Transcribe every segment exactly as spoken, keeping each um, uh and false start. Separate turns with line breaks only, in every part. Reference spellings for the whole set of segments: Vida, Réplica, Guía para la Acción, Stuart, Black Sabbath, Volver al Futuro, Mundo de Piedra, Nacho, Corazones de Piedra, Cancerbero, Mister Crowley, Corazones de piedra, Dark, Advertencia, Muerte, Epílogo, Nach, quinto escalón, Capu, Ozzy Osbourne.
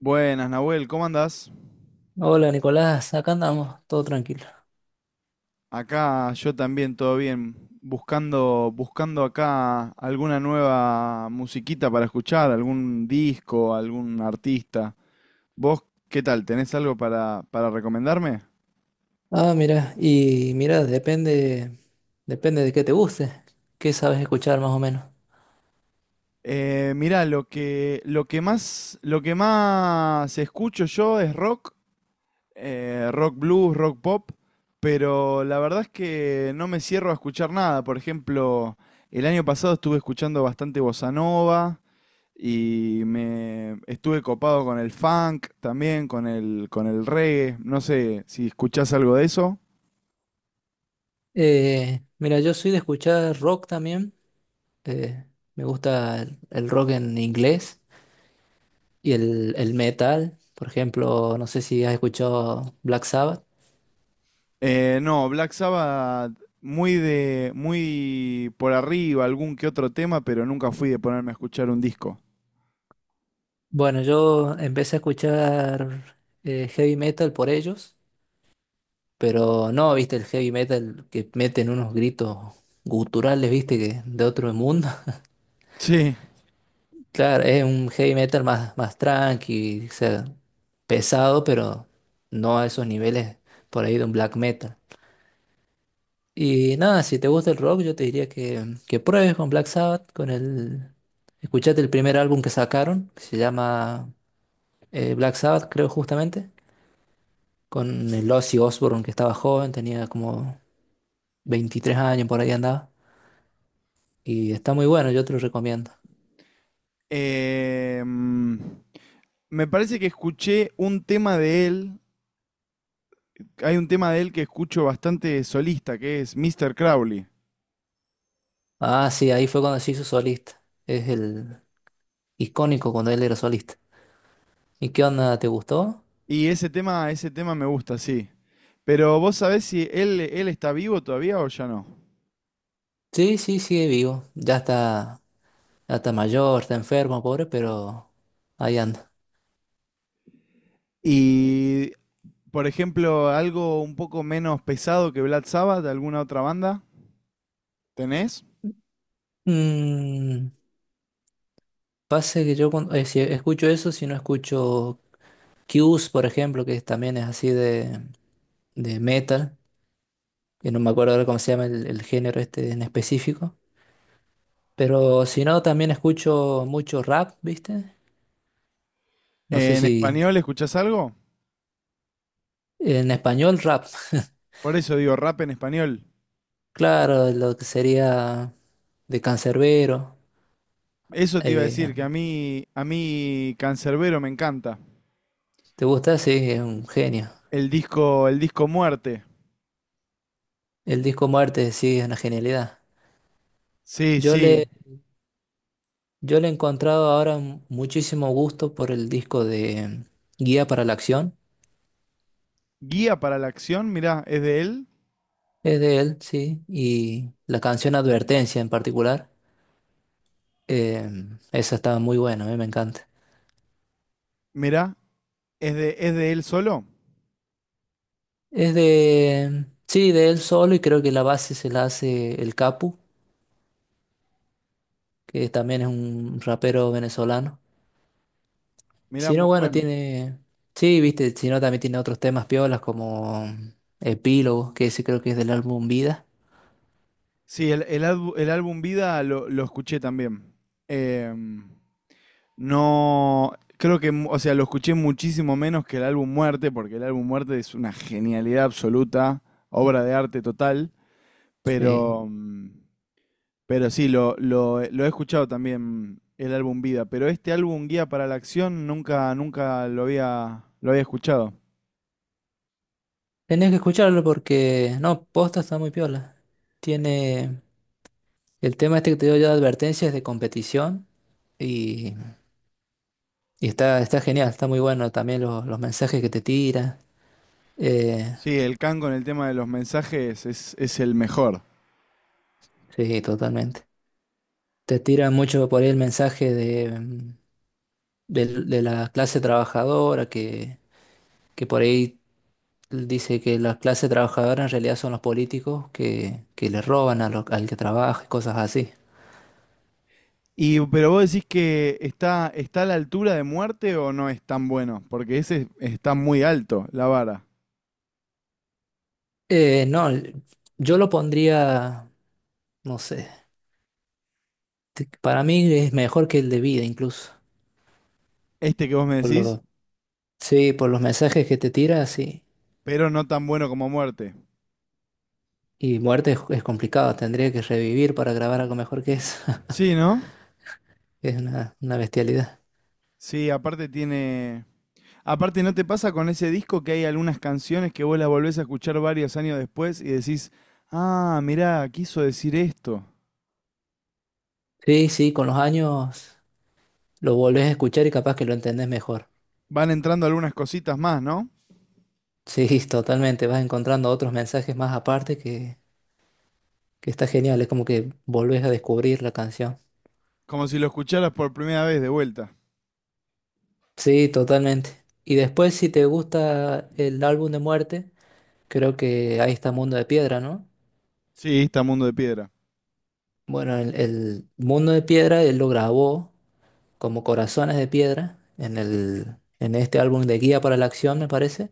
Buenas, Nahuel, ¿cómo andás?
Hola Nicolás, acá andamos, todo tranquilo.
Acá yo también, todo bien. Buscando, buscando acá alguna nueva musiquita para escuchar, algún disco, algún artista. ¿Vos qué tal? ¿Tenés algo para, para recomendarme?
Ah, mira, y mira, depende, depende de qué te guste, qué sabes escuchar más o menos.
Eh, mirá, lo que, lo que más, lo que más escucho yo es rock, eh, rock blues, rock pop, pero la verdad es que no me cierro a escuchar nada. Por ejemplo, el año pasado estuve escuchando bastante bossa nova. Y me estuve copado con el funk también, con el, con el reggae. No sé si escuchás algo de eso.
Eh, mira, yo soy de escuchar rock también, eh, me gusta el, el rock en inglés y el, el metal, por ejemplo, no sé si has escuchado Black Sabbath.
Eh, no, Black Sabbath muy de muy por arriba, algún que otro tema, pero nunca fui de ponerme a escuchar un disco.
Bueno, yo empecé a escuchar eh, heavy metal por ellos, pero no, viste, el heavy metal que meten unos gritos guturales, viste, que de otro mundo.
Sí.
Claro, es un heavy metal más, más tranqui, o sea, pesado, pero no a esos niveles por ahí de un black metal. Y nada, si te gusta el rock, yo te diría que, que pruebes con Black Sabbath, con el... Escuchate el primer álbum que sacaron, que se llama eh, Black Sabbath, creo justamente, con el Ozzy Osbourne, que estaba joven, tenía como veintitrés años, por ahí andaba. Y está muy bueno, yo te lo recomiendo.
Eh, mm, Me parece que escuché un tema de él. Hay un tema de él que escucho bastante solista, que es Mister Crowley.
Ah, sí, ahí fue cuando se hizo solista. Es el icónico cuando él era solista. ¿Y qué onda? ¿Te gustó?
Y ese tema, ese tema me gusta, sí. Pero vos sabés si él, él está vivo todavía o ya no.
Sí, sí, sigue vivo. Ya está, ya está mayor, está enfermo, pobre, pero ahí anda.
Y, por ejemplo, algo un poco menos pesado que Black Sabbath, de alguna otra banda, ¿tenés?
Mm, pasa que yo cuando, eh, si escucho eso, si no escucho Q's, por ejemplo, que también es así de, de metal, que no me acuerdo ahora cómo se llama el, el género este en específico. Pero si no, también escucho mucho rap, ¿viste? No sé
¿En
si
español escuchás algo?
en español rap.
Por eso digo rap en español.
Claro, lo que sería de Cancerbero,
Eso te iba a
eh,
decir, que a mí, a mí Cancerbero me encanta.
¿te gusta? Sí, es un genio.
El disco, el disco Muerte.
El disco Muerte, sí, es una genialidad.
Sí,
Yo
sí.
le, yo le he encontrado ahora m- muchísimo gusto por el disco de mm, Guía para la Acción.
Guía para la Acción, mirá, es de él.
Es de él, sí. Y la canción Advertencia en particular. eh, Esa está muy buena, a mí me encanta.
Mirá, ¿Es de, es de él solo?
Es de, mm, sí, de él solo y creo que la base se la hace el Capu, que también es un rapero venezolano.
Mirá,
Si
muy
no, bueno,
bueno.
tiene. Sí, viste, si no, también tiene otros temas piolas como Epílogo, que ese creo que es del álbum Vida.
Sí, el, el, albu- el álbum Vida lo, lo escuché también. Em, no, creo que, mu- o sea, lo escuché muchísimo menos que el álbum Muerte, porque el álbum Muerte es una genialidad absoluta, obra de arte total,
Sí.
pero, mm, pero sí, lo, lo, he- lo he escuchado también el álbum Vida, pero este álbum Guía para la Acción nunca, nunca lo había, lo había escuchado.
Tenés que escucharlo porque. No, posta está muy piola. Tiene. El tema este que te dio yo de advertencias de competición. Y, y está, está genial, está muy bueno también los, los mensajes que te tira. Eh,
Sí, el Can con el tema de los mensajes es, es el mejor.
sí, totalmente. Te tira mucho por ahí el mensaje de, mm, del- de la clase trabajadora que, que por ahí él dice que la clase trabajadora en realidad son los políticos que, que le roban a lo- al que trabaja y cosas así.
Y, pero vos decís que está, está a la altura de Muerte o no es tan bueno, porque ese está muy alto, la vara.
Eh, no, el- yo lo pondría, no sé, te- para mí es mejor que el de vida incluso.
Este que vos me
Por
decís,
lo, sí, por los mensajes que te tira, sí.
pero no tan bueno como Muerte.
Y muerte es, es complicado, tendría que revivir para grabar algo mejor que eso.
Sí, ¿no?
Es una, una bestialidad.
Sí, aparte tiene. Aparte, ¿no te pasa con ese disco que hay algunas canciones que vos las volvés a escuchar varios años después y decís, ah, mirá, quiso decir esto?
Sí, sí, con los años lo volvés a escuchar y capaz que lo entendés mejor.
Van entrando algunas cositas más, ¿no?
Sí, totalmente, vas encontrando otros mensajes más aparte que... que está genial, es como que volvés a descubrir la canción.
Como si lo escucharas por primera vez de vuelta.
Sí, totalmente. Y después, si te gusta el álbum de Muerte, creo que ahí está Mundo de Piedra, ¿no?
Sí, está Mundo de Piedra.
Bueno, el, el Mundo de Piedra él lo grabó como Corazones de Piedra en el, en este álbum de Guía para la Acción, me parece.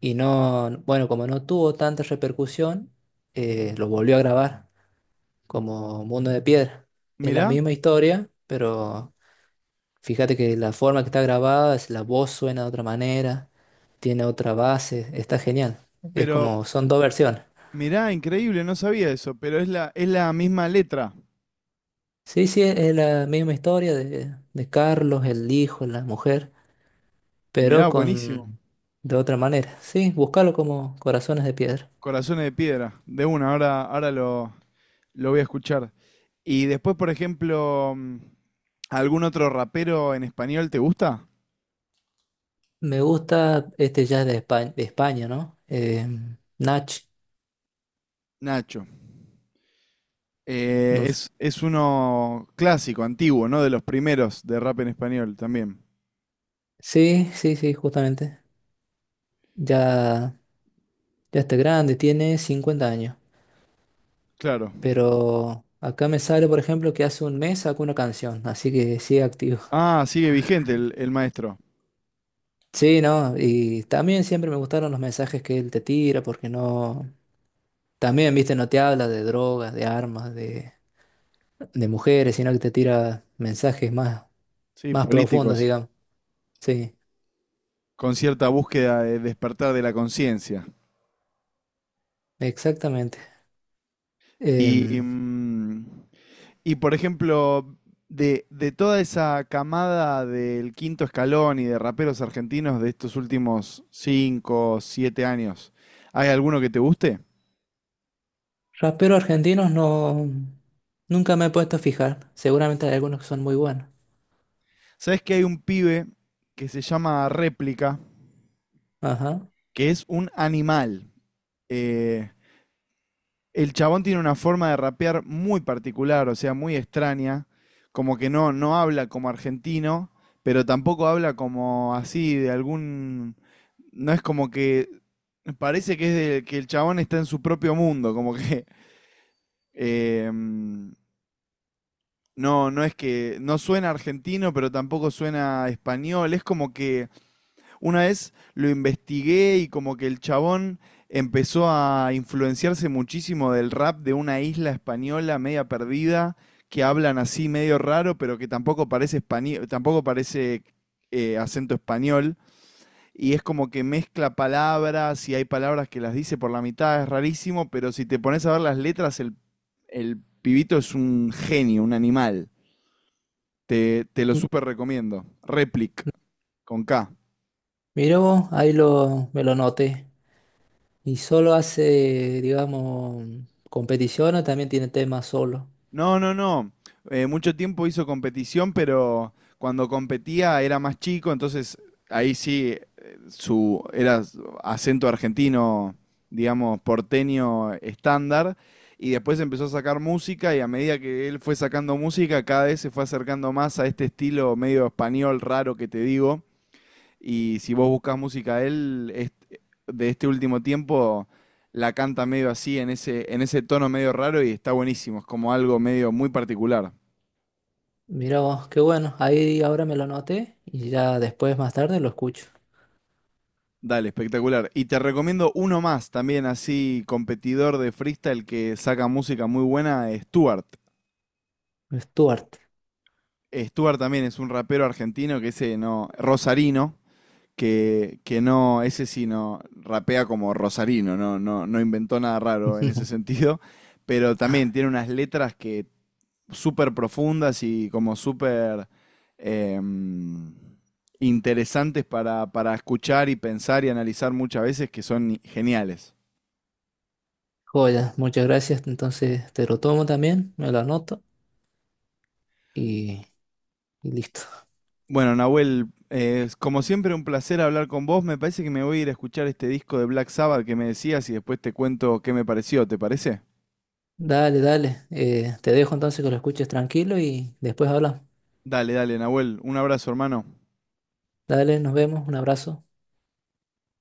Y no, bueno, como no tuvo tanta repercusión, eh, lo volvió a grabar como Mundo de Piedra. Es la
Mirá,
misma historia, pero fíjate que la forma que está grabada, es la voz suena de otra manera, tiene otra base, está genial. Es
pero
como, son dos versiones.
Mirá, increíble, no sabía eso, pero es la, es la misma letra.
Sí, sí, es es la misma historia de, de Carlos, el hijo, la mujer,
Mirá,
pero
buenísimo.
con de otra manera. Sí, búscalo como Corazones de Piedra.
Corazones de Piedra, de una, ahora, ahora lo, lo voy a escuchar. Y después, por ejemplo, mm, ¿algún otro rapero en español te gusta?
Me gusta este jazz de España, de España, ¿no? Eh, Nach.
Nacho.
No
Eh,
s-
es, es uno clásico, antiguo, ¿no? De los primeros de rap en español también.
Sí, sí, sí, justamente. Ya, ya está grande, tiene cincuenta años.
Claro.
Pero acá me sale, por ejemplo, que hace un mes sacó una canción, así que sigue activo.
Ah, sigue vigente el, el maestro.
Sí, ¿no? Y también siempre me gustaron los mensajes que él te tira, porque no... También, viste, no te habla de drogas, de armas, de, de mujeres, sino que te tira mensajes más,
Sí,
más profundos,
políticos,
digamos. Sí,
con cierta búsqueda de despertar de la conciencia.
exactamente.
Y
Em,
mm, Y por ejemplo, de, de toda esa camada del Quinto Escalón y de raperos argentinos de estos últimos cinco siete años, ¿hay alguno que te guste?
Raperos argentinos no... Nunca me he puesto a fijar. Seguramente hay algunos que son muy buenos.
¿Sabes que hay un pibe que se llama Réplica,
Ajá.
que es un animal? Eh, El chabón tiene una forma de rapear muy particular, o sea, muy extraña, como que no, no habla como argentino, pero tampoco habla como así de algún. No es como que. Parece que es de- que el chabón está en su propio mundo, como que. eh, mm, no, no es que. No suena argentino, pero tampoco suena español, es como que. Una vez lo investigué y como que el chabón empezó a influenciarse muchísimo del rap de una isla española media perdida, que hablan así medio raro, pero que tampoco parece español, tampoco parece eh, acento español. Y es como que mezcla palabras y hay palabras que las dice por la mitad, es rarísimo, pero si te pones a ver las letras, el, el pibito es un genio, un animal. Te, te lo
M-
súper recomiendo. Replic, con K.
Mira vos, ahí lo, me lo noté. ¿Y solo hace, digamos, competición o también tiene temas solo?
No, no, no. Eh, mucho tiempo hizo competición, pero cuando competía era más chico, entonces ahí sí eh, su era su acento argentino, digamos, porteño estándar. Y después empezó a sacar música y a medida que él fue sacando música, cada vez se fue acercando más a este estilo medio español raro que te digo. Y si vos buscas música de él, est- de este último tiempo, la canta medio así, en ese, en ese tono medio raro y está buenísimo. Es como algo medio muy particular.
Mira vos, qué bueno. Ahí ahora me lo anoté y ya después, más tarde, lo escucho.
Dale, espectacular. Y te recomiendo uno más, también así competidor de freestyle que saca música muy buena, Stuart.
Stuart.
Stuart también es un rapero argentino que ese no, rosarino, que, que no, ese sí no rapea como rosarino, no, no, no inventó nada raro en ese sentido, pero también tiene unas letras que súper profundas y como súper em, interesantes para, para escuchar y pensar y analizar muchas veces que son geniales.
Joya, muchas gracias. Entonces te lo tomo también, me lo anoto y, y listo.
Bueno, Nahuel, eh, como siempre un placer hablar con vos. Me parece que me voy a ir a escuchar este disco de Black Sabbath que me decías y después te cuento qué me pareció, ¿te parece?
Dale, dale. Eh, te dejo entonces que lo escuches tranquilo y después hablamos.
Dale, dale, Nahuel, un abrazo, hermano.
Dale, nos vemos. Un abrazo.